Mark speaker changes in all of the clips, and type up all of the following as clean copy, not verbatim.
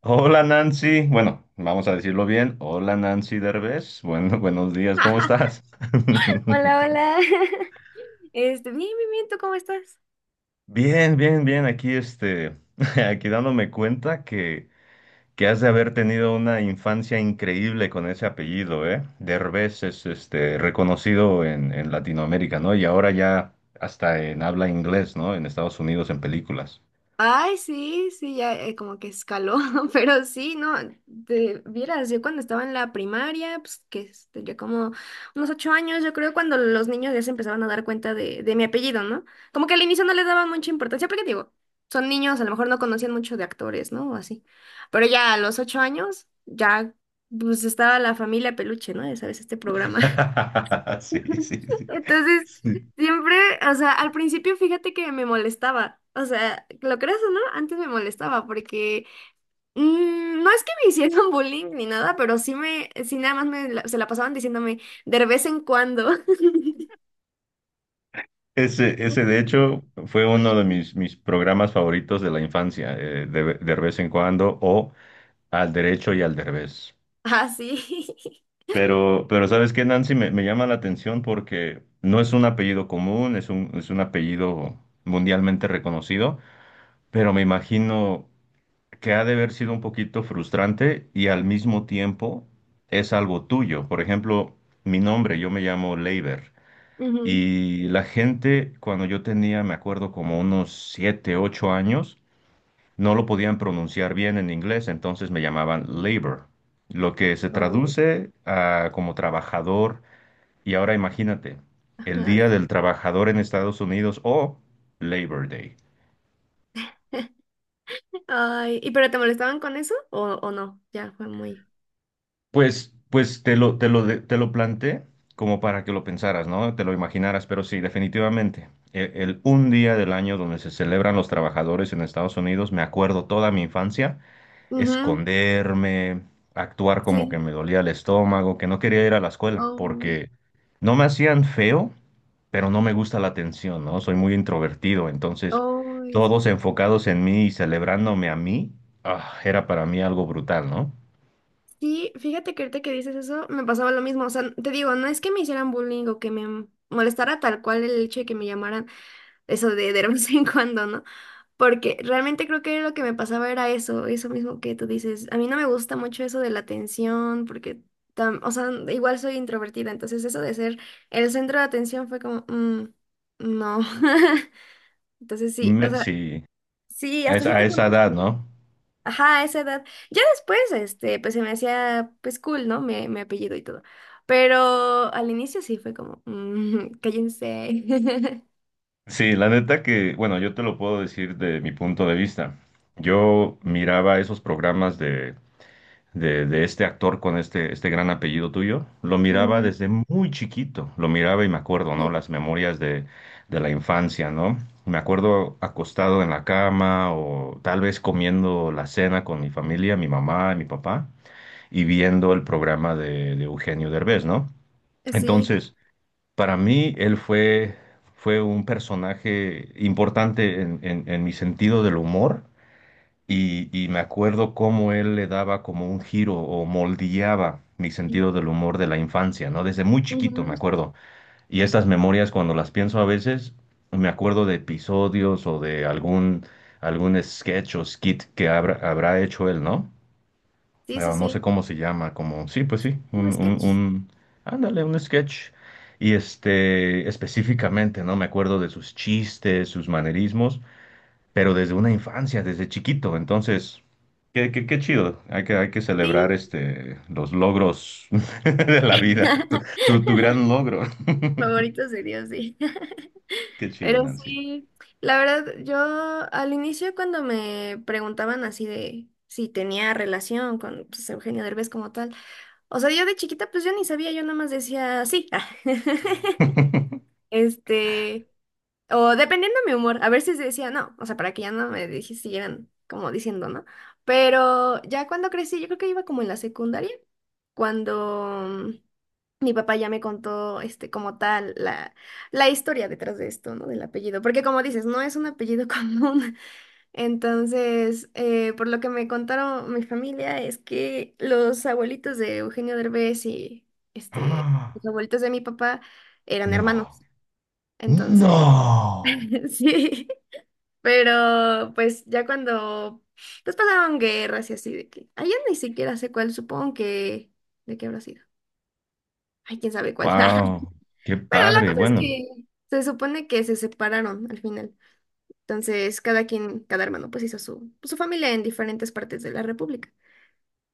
Speaker 1: Hola Nancy, bueno, vamos a decirlo bien. Hola Nancy Derbez, bueno, buenos días, ¿cómo estás?
Speaker 2: Hola, hola. Bien, bien, bien, ¿tú cómo estás?
Speaker 1: Bien, bien, bien, aquí este, aquí dándome cuenta que has de haber tenido una infancia increíble con ese apellido, ¿eh? Derbez es este, reconocido en Latinoamérica, ¿no? Y ahora ya hasta en habla inglés, ¿no? En Estados Unidos, en películas.
Speaker 2: Ay, sí, sí, ya como que escaló, pero sí, no, te vieras, yo cuando estaba en la primaria, pues tendría como unos 8 años, yo creo cuando los niños ya se empezaban a dar cuenta de mi apellido, ¿no? Como que al inicio no les daban mucha importancia, porque digo, son niños, a lo mejor no conocían mucho de actores, ¿no? O así. Pero ya a los 8 años, ya, pues estaba La Familia Peluche, ¿no? Ya sabes, este programa.
Speaker 1: Sí, sí, sí.
Speaker 2: Entonces,
Speaker 1: Sí.
Speaker 2: siempre, o sea, al principio fíjate que me molestaba. O sea, lo creas o no, antes me molestaba porque no es que me hicieran bullying ni nada, pero sí nada más se la pasaban diciéndome de vez en cuando.
Speaker 1: Ese de hecho fue
Speaker 2: Oye,
Speaker 1: uno de mis programas favoritos de la infancia, de vez en cuando, o al derecho y al derbez.
Speaker 2: ah, sí.
Speaker 1: Pero ¿sabes qué, Nancy? Me llama la atención porque no es un apellido común, es un apellido mundialmente reconocido, pero me imagino que ha de haber sido un poquito frustrante y al mismo tiempo es algo tuyo. Por ejemplo, mi nombre, yo me llamo Leiber.
Speaker 2: Ujú.
Speaker 1: Y la gente, cuando yo tenía, me acuerdo, como unos 7 8 años, no lo podían pronunciar bien en inglés, entonces me llamaban labor, lo que se
Speaker 2: Oh,
Speaker 1: traduce a como trabajador. Y ahora imagínate, el
Speaker 2: ajá,
Speaker 1: Día del
Speaker 2: sí.
Speaker 1: Trabajador en Estados Unidos o Labor Day.
Speaker 2: Ay, ¿y pero te molestaban con eso o no? Ya fue muy.
Speaker 1: Pues te lo planteé como para que lo pensaras, ¿no? Te lo imaginaras, pero sí, definitivamente. El un día del año donde se celebran los trabajadores en Estados Unidos, me acuerdo toda mi infancia
Speaker 2: Ujú.
Speaker 1: esconderme, actuar como que
Speaker 2: Sí.
Speaker 1: me dolía el estómago, que no quería ir a la escuela,
Speaker 2: Oh,
Speaker 1: porque no me hacían feo, pero no me gusta la atención, ¿no? Soy muy introvertido, entonces
Speaker 2: ay,
Speaker 1: todos
Speaker 2: sí.
Speaker 1: enfocados en mí y celebrándome a mí, ah, era para mí algo brutal, ¿no?
Speaker 2: Sí, fíjate que ahorita que dices eso, me pasaba lo mismo. O sea, te digo, no es que me hicieran bullying o que me molestara tal cual el hecho de que me llamaran eso de vez en cuando, ¿no? Porque realmente creo que lo que me pasaba era eso, eso mismo que tú dices. A mí no me gusta mucho eso de la atención, porque, o sea, igual soy introvertida, entonces eso de ser el centro de atención fue como, "Mm, no." Entonces sí, o
Speaker 1: Me-
Speaker 2: sea,
Speaker 1: sí,
Speaker 2: sí,
Speaker 1: a
Speaker 2: hasta
Speaker 1: esa, a
Speaker 2: cierto
Speaker 1: esa
Speaker 2: punto.
Speaker 1: edad,
Speaker 2: Sí.
Speaker 1: ¿no?
Speaker 2: Ajá, a esa edad. Ya después, pues se me hacía, pues cool, ¿no? Me apellido y todo. Pero al inicio sí fue como, "Mm, cállense."
Speaker 1: Sí, la neta que, bueno, yo te lo puedo decir de mi punto de vista. Yo miraba esos programas de este actor con este gran apellido tuyo, lo miraba
Speaker 2: Ujú.
Speaker 1: desde muy chiquito, lo miraba y me acuerdo, ¿no? Las
Speaker 2: Sí.
Speaker 1: memorias de la infancia, ¿no? Me acuerdo acostado en la cama o tal vez comiendo la cena con mi familia, mi mamá y mi papá, y viendo el programa de Eugenio Derbez, ¿no?
Speaker 2: Sí.
Speaker 1: Entonces, para mí, él fue un personaje importante en mi sentido del humor y me acuerdo cómo él le daba como un giro o moldeaba mi sentido del humor de la infancia, ¿no? Desde muy chiquito me
Speaker 2: Ujú.
Speaker 1: acuerdo. Y estas memorias, cuando las pienso a veces, me acuerdo de episodios o de algún sketch o skit que habrá hecho él, ¿no?
Speaker 2: Sí, sí,
Speaker 1: Pero no sé
Speaker 2: sí.
Speaker 1: cómo se llama, como, sí, pues sí,
Speaker 2: Como sketch.
Speaker 1: ándale, un sketch. Y este, específicamente, ¿no? Me acuerdo de sus chistes, sus manerismos pero desde una infancia, desde chiquito. Entonces, qué chido. Hay que celebrar
Speaker 2: Sí.
Speaker 1: este, los logros de la vida. Tu gran logro.
Speaker 2: Favoritos de Dios, sí.
Speaker 1: Qué chido,
Speaker 2: Pero
Speaker 1: Nancy.
Speaker 2: sí, la verdad, yo al inicio cuando me preguntaban así de si tenía relación con pues, Eugenio Derbez como tal, o sea, yo de chiquita pues yo ni sabía, yo nada más decía sí. Este, o dependiendo de mi humor, a ver si decía no, o sea, para que ya no siguieran como diciendo no. Pero ya cuando crecí, yo creo que iba como en la secundaria, cuando mi papá ya me contó, como tal, la historia detrás de esto, ¿no? Del apellido, porque como dices, no es un apellido común. Entonces, por lo que me contaron mi familia, es que los abuelitos de Eugenio Derbez
Speaker 1: Ah,
Speaker 2: los abuelitos de mi papá eran hermanos.
Speaker 1: no,
Speaker 2: Entonces,
Speaker 1: no.
Speaker 2: sí, pero pues ya cuando pues pasaron guerras y así de que allá ni siquiera sé cuál, supongo que de qué habrá sido. Ay, quién sabe cuál.
Speaker 1: Wow, qué
Speaker 2: Pero la
Speaker 1: padre.
Speaker 2: cosa es
Speaker 1: Bueno,
Speaker 2: que se supone que se separaron al final. Entonces, cada quien, cada hermano pues hizo su familia en diferentes partes de la República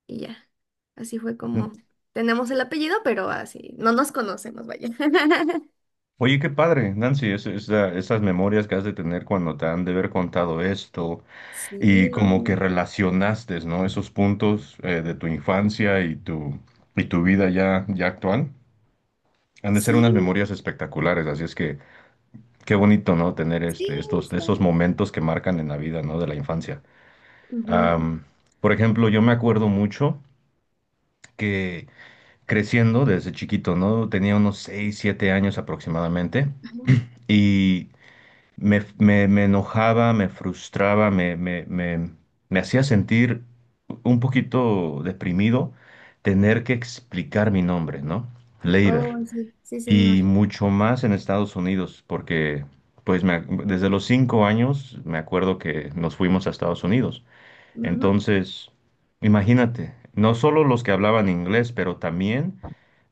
Speaker 2: y ya. Así fue
Speaker 1: n-
Speaker 2: como tenemos el apellido, pero así no nos conocemos, vaya.
Speaker 1: oye, qué padre, Nancy, esas memorias que has de tener cuando te han de haber contado esto.
Speaker 2: Sí,
Speaker 1: Y
Speaker 2: no,
Speaker 1: como que
Speaker 2: no.
Speaker 1: relacionaste, ¿no? Esos puntos de tu infancia y tu vida ya actual. Han de ser
Speaker 2: Sí,
Speaker 1: unas memorias espectaculares, así es que qué bonito, ¿no? Tener
Speaker 2: sí,
Speaker 1: este, estos,
Speaker 2: está.
Speaker 1: estos momentos que marcan en la vida, ¿no? De la infancia.
Speaker 2: Ujú.
Speaker 1: Am, por ejemplo, yo me acuerdo mucho que creciendo desde chiquito, ¿no? Tenía unos 6 7 años aproximadamente y me enojaba, me frustraba, me hacía sentir un poquito deprimido tener que explicar mi nombre, ¿no?
Speaker 2: Oh,
Speaker 1: Leiber.
Speaker 2: sí, sí, sí, me
Speaker 1: Y
Speaker 2: imagino.
Speaker 1: mucho más en Estados Unidos, porque pues desde los 5 años me acuerdo que nos fuimos a Estados Unidos.
Speaker 2: Ujú.
Speaker 1: Entonces, imagínate, no solo los que hablaban inglés, pero también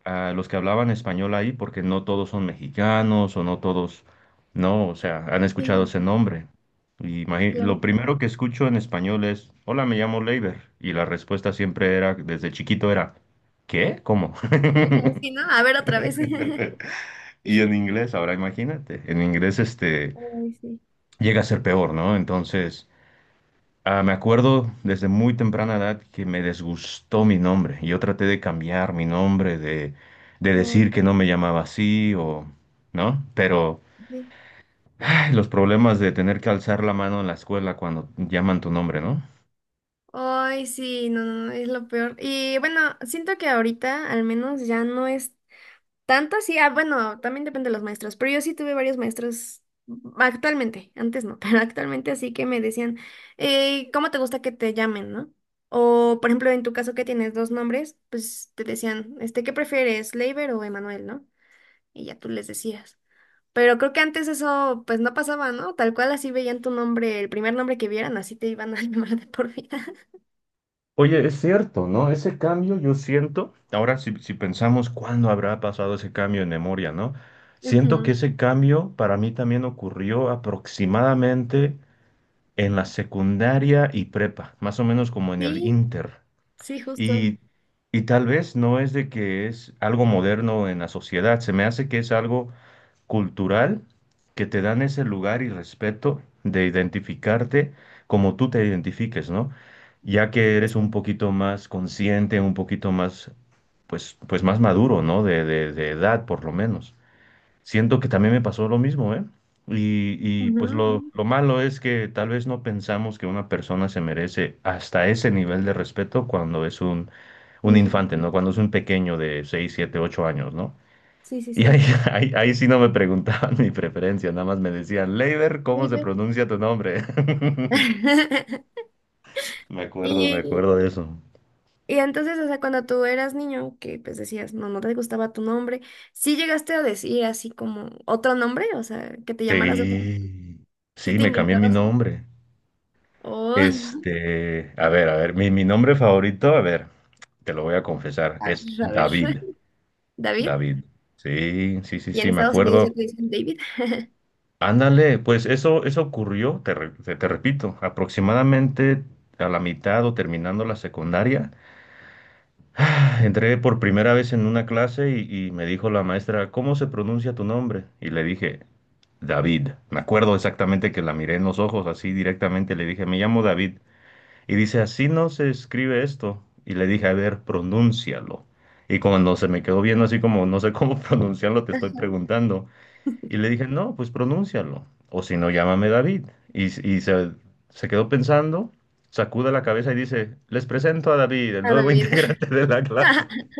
Speaker 1: a los que hablaban español ahí, porque no todos son mexicanos o no todos, no, o sea, han escuchado
Speaker 2: Sí,
Speaker 1: ese
Speaker 2: sí, sí,
Speaker 1: nombre. Y
Speaker 2: claro.
Speaker 1: lo primero que escucho en español es, hola, me llamo Leiber. Y la respuesta siempre era, desde chiquito era, ¿qué? ¿Cómo?
Speaker 2: Ajá, sí, ¿no? A ver otra vez.
Speaker 1: Y en inglés, ahora imagínate, en inglés este
Speaker 2: Ay, sí.
Speaker 1: llega a ser peor, ¿no? Entonces. Ah, me acuerdo desde muy temprana edad que me desgustó mi nombre. Yo traté de cambiar mi nombre, de
Speaker 2: Oh,
Speaker 1: decir que no me llamaba así o, ¿no? Pero
Speaker 2: sí.
Speaker 1: ay, los problemas de tener que alzar la mano en la escuela cuando llaman tu nombre, ¿no?
Speaker 2: Ay, sí, no, no, no, es lo peor. Y bueno, siento que ahorita al menos ya no es tanto así. Ah, bueno, también depende de los maestros, pero yo sí tuve varios maestros actualmente, antes no, pero actualmente así que me decían, ¿cómo te gusta que te llamen, no? O, por ejemplo, en tu caso que tienes dos nombres, pues te decían, ¿qué prefieres, Leiber o Emanuel, no? Y ya tú les decías. Pero creo que antes eso pues no pasaba, ¿no? Tal cual así veían tu nombre, el primer nombre que vieran, así te iban a llamar de por vida.
Speaker 1: Oye, es cierto, ¿no? Ese cambio yo siento. Ahora, si pensamos cuándo habrá pasado ese cambio en memoria, ¿no? Siento que
Speaker 2: Ujú.
Speaker 1: ese cambio para mí también ocurrió aproximadamente en la secundaria y prepa, más o menos como en el
Speaker 2: Sí,
Speaker 1: inter.
Speaker 2: sí,
Speaker 1: Y, y tal vez no es de que es algo moderno en la sociedad, se me hace que es algo cultural que te dan ese lugar y respeto de identificarte como tú te identifiques, ¿no? Ya que eres
Speaker 2: justo.
Speaker 1: un poquito más consciente, un poquito más, pues más maduro, ¿no? De edad, por lo menos. Siento que también me pasó lo mismo, ¿eh? Y, y,
Speaker 2: Ujú,
Speaker 1: pues
Speaker 2: ujú.
Speaker 1: lo malo es que tal vez no pensamos que una persona se merece hasta ese nivel de respeto cuando es un
Speaker 2: Niña.
Speaker 1: infante, ¿no? Cuando es un pequeño de 6 7 8 años, ¿no?
Speaker 2: Sí, sí,
Speaker 1: Y ahí,
Speaker 2: sí.
Speaker 1: ahí sí no me preguntaban mi preferencia, nada más me decían, Leiber, ¿cómo
Speaker 2: Muy
Speaker 1: se
Speaker 2: bien.
Speaker 1: pronuncia tu nombre? Me acuerdo, me
Speaker 2: Y,
Speaker 1: acuerdo de eso.
Speaker 2: y entonces, o sea, cuando tú eras niño, que pues decías, no, no te gustaba tu nombre, ¿sí llegaste a decir así como otro nombre? O sea, que te llamaras otro,
Speaker 1: Sí,
Speaker 2: ¿sí
Speaker 1: sí,
Speaker 2: te
Speaker 1: me cambié mi
Speaker 2: inventabas uno?
Speaker 1: nombre.
Speaker 2: O,
Speaker 1: Este, a ver, mi nombre favorito, a ver, te lo voy a confesar,
Speaker 2: a ver,
Speaker 1: es
Speaker 2: a ver,
Speaker 1: David.
Speaker 2: David.
Speaker 1: David. Sí, sí, sí,
Speaker 2: Y en
Speaker 1: sí, me
Speaker 2: Estados Unidos ya
Speaker 1: acuerdo.
Speaker 2: te dicen David,
Speaker 1: Ándale, pues eso ocurrió, te repito, aproximadamente a la mitad o terminando la secundaria. Entré por primera vez en una clase y me dijo la maestra, ¿cómo se pronuncia tu nombre? Y le dije, David. Me acuerdo exactamente que la miré en los ojos así directamente, le dije, me llamo David. Y dice, así no se escribe esto. Y le dije, a ver, pronúncialo. Y cuando se me quedó viendo así como, no sé cómo pronunciarlo, te estoy preguntando. Y le dije, no, pues pronúncialo. O si no, llámame David. Y se quedó pensando, sacude la cabeza y dice, les presento a David, el
Speaker 2: a
Speaker 1: nuevo
Speaker 2: David.
Speaker 1: integrante de la clase.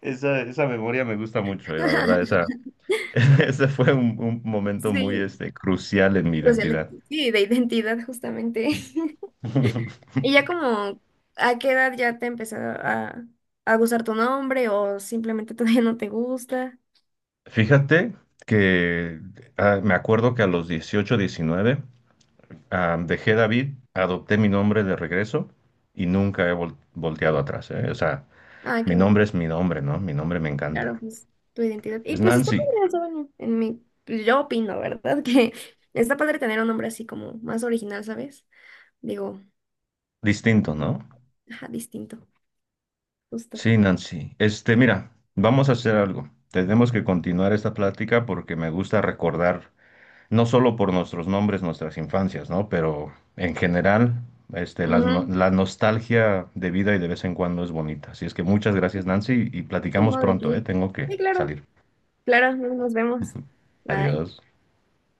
Speaker 1: Esa memoria me gusta mucho, la verdad, esa, ese fue un momento muy
Speaker 2: Sí,
Speaker 1: este, crucial en mi identidad.
Speaker 2: sí, de identidad justamente. Y ya como, ¿a qué edad ya te empezó a gustar tu nombre o simplemente todavía no te gusta?
Speaker 1: Fíjate que me acuerdo que a los 18, 19 dejé David, adopté mi nombre de regreso y nunca he volteado atrás, ¿eh? O sea,
Speaker 2: Ah,
Speaker 1: mi
Speaker 2: qué
Speaker 1: nombre
Speaker 2: bueno.
Speaker 1: es mi nombre, ¿no? Mi nombre me
Speaker 2: Claro,
Speaker 1: encanta.
Speaker 2: pues tu identidad. Y
Speaker 1: Pues
Speaker 2: pues está padre,
Speaker 1: Nancy,
Speaker 2: o sea, bueno, en mi, pues, yo opino, ¿verdad? Que está padre tener un nombre así como más original, ¿sabes? Digo,
Speaker 1: distinto, ¿no?
Speaker 2: ajá, distinto, justo.
Speaker 1: Sí, Nancy. Este, mira, vamos a hacer algo. Tenemos que continuar esta plática porque me gusta recordar no solo por nuestros nombres, nuestras infancias, ¿no? Pero en general, este, las no-
Speaker 2: Ujú.
Speaker 1: la, nostalgia de vida y de vez en cuando es bonita. Así es que muchas gracias, Nancy,
Speaker 2: Sí.
Speaker 1: y
Speaker 2: Sí,
Speaker 1: platicamos
Speaker 2: no, de
Speaker 1: pronto, ¿eh?
Speaker 2: qué.
Speaker 1: Tengo que
Speaker 2: Sí, claro.
Speaker 1: salir.
Speaker 2: Claro, nos vemos. Bye.
Speaker 1: Adiós.